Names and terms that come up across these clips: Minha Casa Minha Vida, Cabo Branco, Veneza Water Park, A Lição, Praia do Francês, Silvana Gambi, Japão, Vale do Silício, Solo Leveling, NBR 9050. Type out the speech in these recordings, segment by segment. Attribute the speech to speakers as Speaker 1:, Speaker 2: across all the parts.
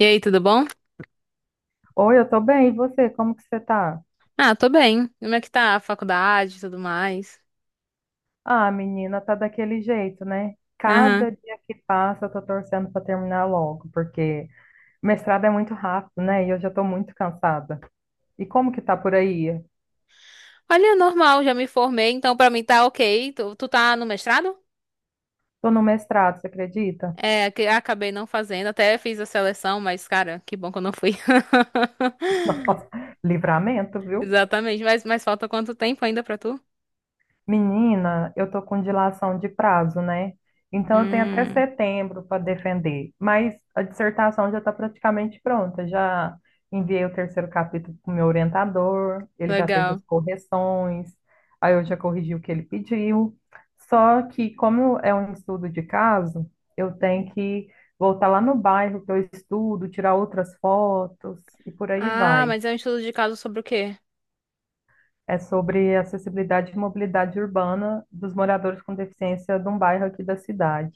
Speaker 1: E aí, tudo bom?
Speaker 2: Oi, eu tô bem, e você? Como que você tá?
Speaker 1: Ah, tô bem. Como é que tá a faculdade e tudo mais?
Speaker 2: Ah, menina, tá daquele jeito, né?
Speaker 1: Aham.
Speaker 2: Cada dia que passa, eu tô torcendo pra terminar logo, porque mestrado é muito rápido, né? E eu já tô muito cansada. E como que tá por aí?
Speaker 1: Olha, normal, já me formei, então pra mim tá ok. Tu tá no mestrado?
Speaker 2: Tô no mestrado, você acredita?
Speaker 1: É, que acabei não fazendo, até fiz a seleção, mas cara, que bom que eu não fui.
Speaker 2: Nossa, livramento, viu?
Speaker 1: Exatamente, mas falta quanto tempo ainda pra tu?
Speaker 2: Menina, eu tô com dilação de prazo, né? Então eu tenho até
Speaker 1: Hum,
Speaker 2: setembro para defender, mas a dissertação já está praticamente pronta. Já enviei o terceiro capítulo para o meu orientador, ele já fez
Speaker 1: legal.
Speaker 2: as correções, aí eu já corrigi o que ele pediu. Só que, como é um estudo de caso, eu tenho que voltar lá no bairro que eu estudo, tirar outras fotos e por aí
Speaker 1: Ah,
Speaker 2: vai.
Speaker 1: mas é um estudo de caso sobre o quê?
Speaker 2: É sobre acessibilidade e mobilidade urbana dos moradores com deficiência de um bairro aqui da cidade.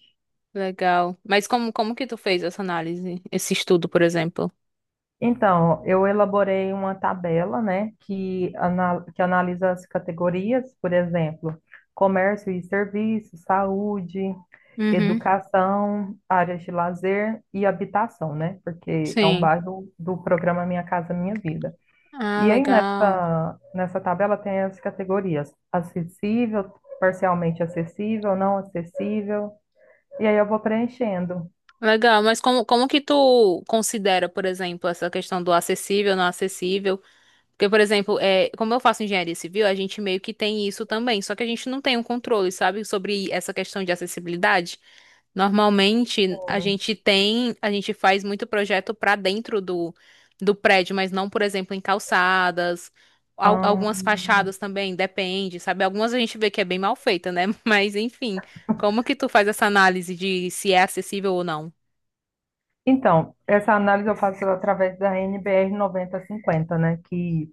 Speaker 1: Legal. Mas como, como que tu fez essa análise? Esse estudo, por exemplo?
Speaker 2: Então, eu elaborei uma tabela, né, que analisa as categorias, por exemplo, comércio e serviços, saúde,
Speaker 1: Uhum,
Speaker 2: educação, áreas de lazer e habitação, né, porque é um
Speaker 1: sim.
Speaker 2: bairro do programa Minha Casa Minha Vida.
Speaker 1: Ah,
Speaker 2: E aí
Speaker 1: legal.
Speaker 2: nessa tabela tem as categorias acessível, parcialmente acessível, não acessível, e aí eu vou preenchendo.
Speaker 1: Legal, mas como, como que tu considera, por exemplo, essa questão do acessível, não acessível? Porque, por exemplo, como eu faço engenharia civil, a gente meio que tem isso também, só que a gente não tem um controle, sabe, sobre essa questão de acessibilidade. Normalmente, a gente tem, a gente faz muito projeto para dentro do prédio, mas não, por exemplo, em calçadas,
Speaker 2: Ah,
Speaker 1: algumas fachadas também, depende, sabe? Algumas a gente vê que é bem mal feita, né? Mas, enfim, como que tu faz essa análise de se é acessível ou não?
Speaker 2: então, essa análise eu faço através da NBR 9050, né? Que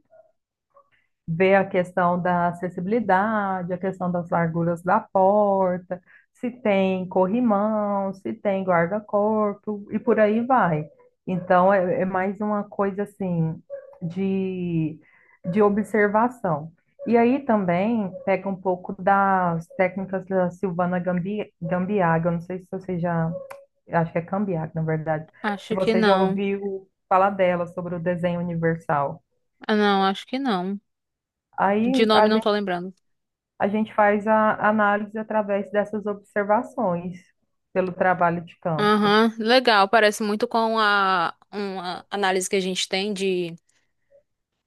Speaker 2: ver a questão da acessibilidade, a questão das larguras da porta, se tem corrimão, se tem guarda-corpo e por aí vai. Então, é mais uma coisa assim de, de observação. E aí também pega um pouco das técnicas da Silvana Gambi, Gambiaga, eu não sei se você já, acho que é Gambiaga, na verdade, se
Speaker 1: Acho que
Speaker 2: você já
Speaker 1: não.
Speaker 2: ouviu falar dela sobre o desenho universal.
Speaker 1: Ah, não, acho que não. De
Speaker 2: Aí a
Speaker 1: nome não tô lembrando.
Speaker 2: a gente faz a análise através dessas observações pelo trabalho de campo.
Speaker 1: Aham, legal. Parece muito com a uma análise que a gente tem de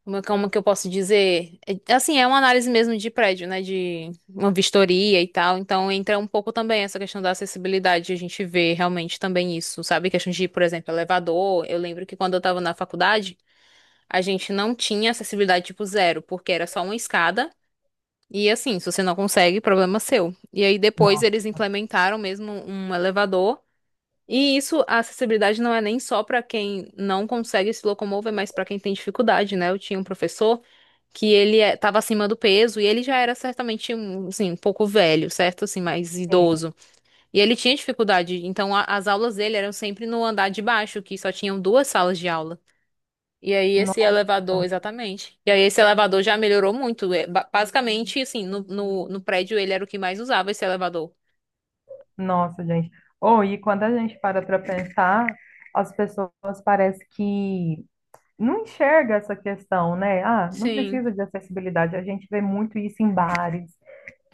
Speaker 1: como, é como que eu posso dizer? É, assim, é uma análise mesmo de prédio, né? De uma vistoria e tal. Então entra um pouco também essa questão da acessibilidade. A gente vê realmente também isso, sabe? Questão de, por exemplo, elevador. Eu lembro que quando eu tava na faculdade, a gente não tinha acessibilidade tipo zero, porque era só uma escada. E assim, se você não consegue, problema seu. E aí depois eles
Speaker 2: Nossa,
Speaker 1: implementaram mesmo um elevador. E isso, a acessibilidade não é nem só para quem não consegue se locomover, mas para quem tem dificuldade, né? Eu tinha um professor que ele estava acima do peso e ele já era certamente um, assim, um pouco velho, certo? Assim, mais
Speaker 2: sim.
Speaker 1: idoso. E ele tinha dificuldade, então as aulas dele eram sempre no andar de baixo, que só tinham duas salas de aula. E aí esse
Speaker 2: Nossa,
Speaker 1: elevador, exatamente. E aí esse elevador já melhorou muito. É, basicamente, assim, no prédio ele era o que mais usava esse elevador.
Speaker 2: nossa, gente. Ou e quando a gente para pensar, as pessoas parece que não enxerga essa questão, né? Ah, não
Speaker 1: Sim,
Speaker 2: precisa de acessibilidade. A gente vê muito isso em bares,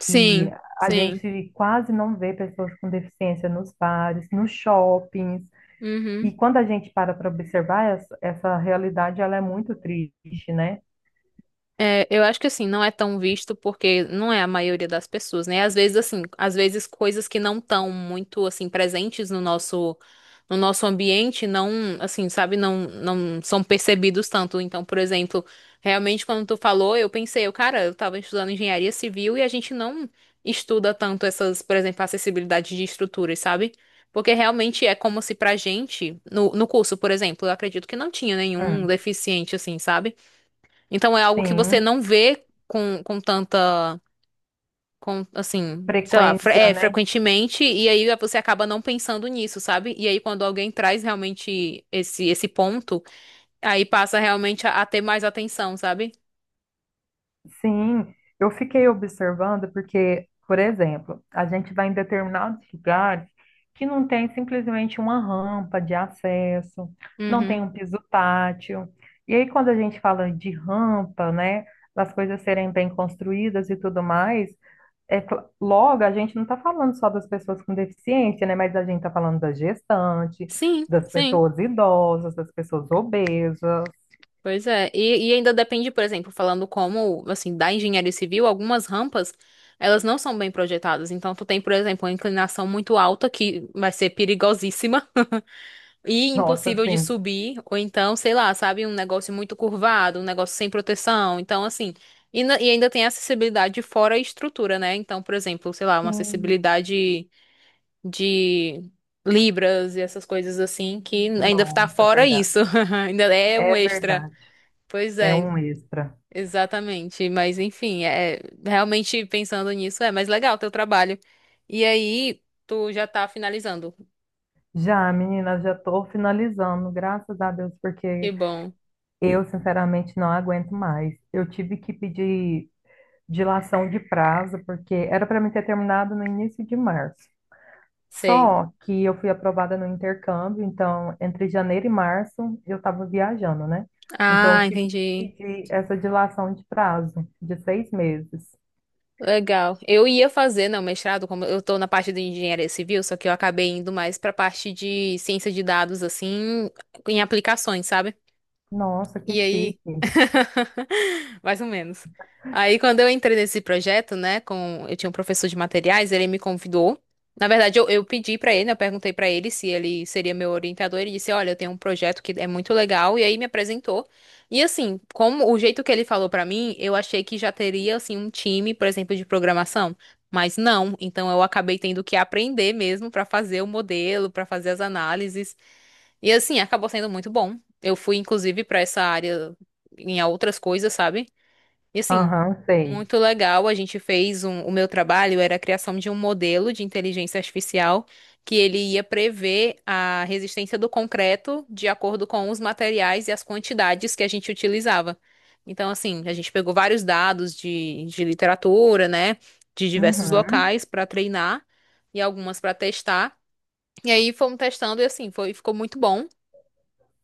Speaker 1: sim,
Speaker 2: que a
Speaker 1: sim.
Speaker 2: gente quase não vê pessoas com deficiência nos bares, nos shoppings. E
Speaker 1: Uhum.
Speaker 2: quando a gente para observar, essa realidade ela é muito triste, né?
Speaker 1: É, eu acho que assim, não é tão visto porque não é a maioria das pessoas, né? Às vezes assim, às vezes coisas que não estão muito assim presentes no nosso ambiente não, assim, sabe, não são percebidos tanto. Então, por exemplo, realmente quando tu falou, eu pensei, eu, cara, eu tava estudando engenharia civil e a gente não estuda tanto essas, por exemplo, acessibilidade de estruturas, sabe? Porque realmente é como se pra gente, no curso, por exemplo, eu acredito que não tinha nenhum
Speaker 2: Hum.
Speaker 1: deficiente, assim, sabe? Então é algo que você
Speaker 2: Sim,
Speaker 1: não vê com tanta, com, assim, sei lá,
Speaker 2: frequência, né?
Speaker 1: frequentemente, e aí você acaba não pensando nisso, sabe? E aí quando alguém traz realmente esse ponto, aí passa realmente a ter mais atenção, sabe?
Speaker 2: Sim, eu fiquei observando porque, por exemplo, a gente vai em determinados lugares que não tem simplesmente uma rampa de acesso, não
Speaker 1: Uhum.
Speaker 2: tem um piso tátil. E aí, quando a gente fala de rampa, né, das coisas serem bem construídas e tudo mais, logo, a gente não está falando só das pessoas com deficiência, né? Mas a gente está falando da gestante,
Speaker 1: Sim,
Speaker 2: das
Speaker 1: sim.
Speaker 2: pessoas idosas, das pessoas obesas.
Speaker 1: Pois é. E ainda depende, por exemplo, falando como, assim, da engenharia civil, algumas rampas, elas não são bem projetadas. Então, tu tem, por exemplo, uma inclinação muito alta que vai ser perigosíssima. E
Speaker 2: Nossa,
Speaker 1: impossível de
Speaker 2: assim,
Speaker 1: subir, ou então, sei lá, sabe, um negócio muito curvado, um negócio sem proteção. Então, assim, e ainda tem a acessibilidade fora a estrutura, né? Então, por exemplo, sei lá, uma
Speaker 2: sim,
Speaker 1: acessibilidade de libras e essas coisas assim, que ainda tá
Speaker 2: nossa, é
Speaker 1: fora
Speaker 2: verdade.
Speaker 1: isso. Ainda é um
Speaker 2: É
Speaker 1: extra.
Speaker 2: verdade.
Speaker 1: Pois
Speaker 2: É
Speaker 1: é,
Speaker 2: um extra.
Speaker 1: exatamente. Mas, enfim, é realmente pensando nisso, é mais legal teu trabalho. E aí, tu já tá finalizando.
Speaker 2: Já, menina, já estou finalizando, graças a Deus,
Speaker 1: Que
Speaker 2: porque
Speaker 1: bom,
Speaker 2: eu, sinceramente, não aguento mais. Eu tive que pedir dilação de prazo, porque era para mim ter terminado no início de março.
Speaker 1: sei.
Speaker 2: Só que eu fui aprovada no intercâmbio, então entre janeiro e março eu estava viajando, né? Então
Speaker 1: Ah,
Speaker 2: eu tive que
Speaker 1: entendi.
Speaker 2: pedir essa dilação de prazo de 6 meses.
Speaker 1: Legal. Eu ia fazer, não, mestrado, como eu tô na parte de engenharia civil, só que eu acabei indo mais pra parte de ciência de dados, assim, em aplicações, sabe?
Speaker 2: Nossa, que
Speaker 1: E aí?
Speaker 2: chique.
Speaker 1: Mais ou menos. Aí, quando eu entrei nesse projeto, né, com eu tinha um professor de materiais, ele me convidou. Na verdade, eu pedi pra ele, né, eu perguntei pra ele se ele seria meu orientador. Ele disse: Olha, eu tenho um projeto que é muito legal. E aí me apresentou. E assim, como o jeito que ele falou pra mim, eu achei que já teria assim um time, por exemplo, de programação. Mas não. Então, eu acabei tendo que aprender mesmo pra fazer o modelo, pra fazer as análises. E assim, acabou sendo muito bom. Eu fui, inclusive, pra essa área em outras coisas, sabe? E assim,
Speaker 2: Aham, sei.
Speaker 1: muito legal. A gente fez um, o meu trabalho era a criação de um modelo de inteligência artificial que ele ia prever a resistência do concreto de acordo com os materiais e as quantidades que a gente utilizava. Então, assim, a gente pegou vários dados de literatura, né, de diversos
Speaker 2: Uhum,
Speaker 1: locais para treinar e algumas para testar. E aí fomos testando e assim, foi, ficou muito bom.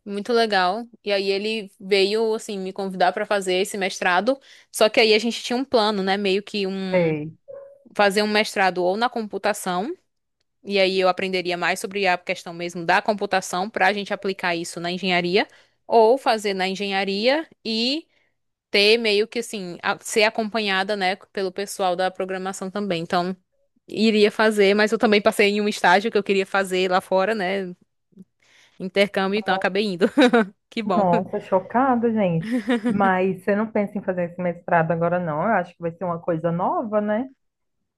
Speaker 1: Muito legal. E aí ele veio assim me convidar para fazer esse mestrado, só que aí a gente tinha um plano, né, meio que um
Speaker 2: sei.
Speaker 1: fazer um mestrado ou na computação, e aí eu aprenderia mais sobre a questão mesmo da computação para a gente aplicar isso na engenharia, ou fazer na engenharia e ter meio que assim, ser acompanhada, né, pelo pessoal da programação também. Então, iria fazer, mas eu também passei em um estágio que eu queria fazer lá fora, né, intercâmbio, então acabei indo. Que bom.
Speaker 2: Nossa, chocada, gente. Mas você não pensa em fazer esse mestrado agora, não? Eu acho que vai ser uma coisa nova, né?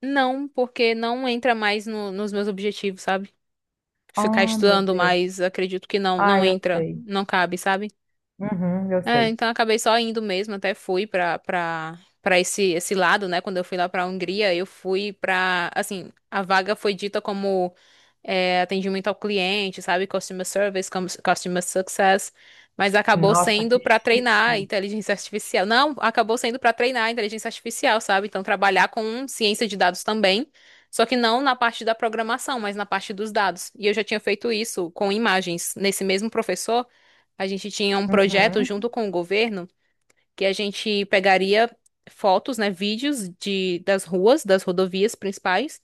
Speaker 1: Não, porque não entra mais nos meus objetivos, sabe? Ficar
Speaker 2: Ah, meu
Speaker 1: estudando
Speaker 2: Deus.
Speaker 1: mais, acredito que não,
Speaker 2: Ah,
Speaker 1: não
Speaker 2: eu
Speaker 1: entra,
Speaker 2: sei.
Speaker 1: não cabe, sabe?
Speaker 2: Uhum, eu
Speaker 1: É,
Speaker 2: sei.
Speaker 1: então eu acabei só indo mesmo, até fui pra para esse esse lado, né? Quando eu fui lá pra Hungria, eu fui pra, assim, a vaga foi dita como é, atendimento ao cliente, sabe? Customer service, customer success, mas acabou
Speaker 2: Nossa,
Speaker 1: sendo
Speaker 2: que
Speaker 1: pra treinar a
Speaker 2: chique.
Speaker 1: inteligência artificial. Não, acabou sendo pra treinar a inteligência artificial, sabe? Então trabalhar com ciência de dados também, só que não na parte da programação, mas na parte dos dados. E eu já tinha feito isso com imagens nesse mesmo professor. A gente tinha um projeto
Speaker 2: Uhum,
Speaker 1: junto com o governo que a gente pegaria fotos, né, vídeos de, das ruas, das rodovias principais.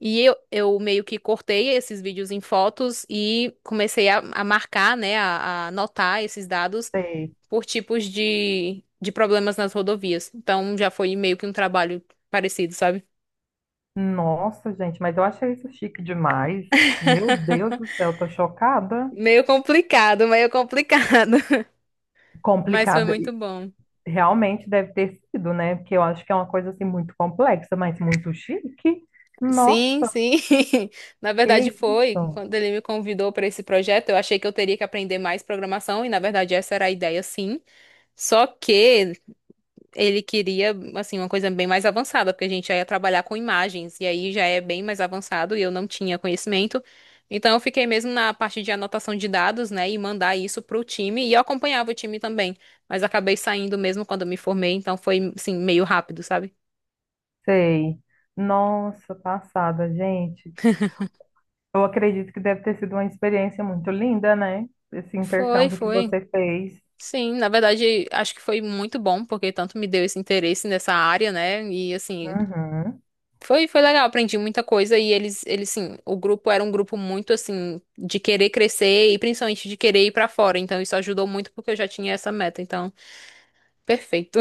Speaker 1: E eu meio que cortei esses vídeos em fotos e comecei a marcar, né, a anotar esses dados
Speaker 2: sei.
Speaker 1: por tipos de problemas nas rodovias. Então já foi meio que um trabalho parecido, sabe?
Speaker 2: Nossa, gente, mas eu achei isso chique demais. Meu Deus do céu, tô chocada.
Speaker 1: Meio complicado, meio complicado. Mas foi
Speaker 2: Complicada.
Speaker 1: muito
Speaker 2: E
Speaker 1: bom.
Speaker 2: realmente deve ter sido, né? Porque eu acho que é uma coisa assim muito complexa, mas muito chique.
Speaker 1: Sim,
Speaker 2: Nossa,
Speaker 1: sim. Na
Speaker 2: que
Speaker 1: verdade foi.
Speaker 2: isso?
Speaker 1: Quando ele me convidou para esse projeto, eu achei que eu teria que aprender mais programação e na verdade essa era a ideia, sim. Só que ele queria assim uma coisa bem mais avançada, porque a gente já ia trabalhar com imagens e aí já é bem mais avançado e eu não tinha conhecimento. Então eu fiquei mesmo na parte de anotação de dados, né, e mandar isso pro time e eu acompanhava o time também, mas acabei saindo mesmo quando eu me formei, então foi assim meio rápido, sabe?
Speaker 2: Sei. Nossa, passada, gente. Eu acredito que deve ter sido uma experiência muito linda, né? Esse
Speaker 1: Foi,
Speaker 2: intercâmbio que
Speaker 1: foi.
Speaker 2: você fez.
Speaker 1: Sim, na verdade, acho que foi muito bom, porque tanto me deu esse interesse nessa área, né? E assim,
Speaker 2: Uhum.
Speaker 1: foi, foi legal, aprendi muita coisa e eles, sim, o grupo era um grupo muito assim, de querer crescer e principalmente de querer ir pra fora. Então, isso ajudou muito porque eu já tinha essa meta. Então, perfeito.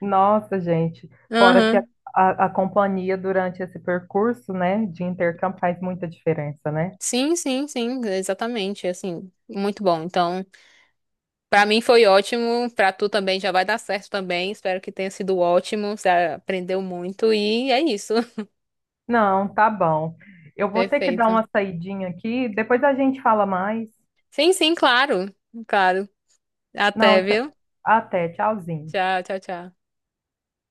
Speaker 2: Nossa, gente. Fora que a,
Speaker 1: Aham.
Speaker 2: a, a companhia durante esse percurso, né, de intercâmbio faz muita diferença, né?
Speaker 1: Sim, sim, sim, exatamente, assim, muito bom. Então, pra mim foi ótimo, pra tu também já vai dar certo também. Espero que tenha sido ótimo, você aprendeu muito e é isso.
Speaker 2: Não, tá bom. Eu vou ter que dar
Speaker 1: Perfeito.
Speaker 2: uma saidinha aqui, depois a gente fala mais.
Speaker 1: Sim, sim, claro. Claro.
Speaker 2: Não,
Speaker 1: Até,
Speaker 2: então-
Speaker 1: viu?
Speaker 2: até, tchauzinho.
Speaker 1: Tchau, tchau, tchau.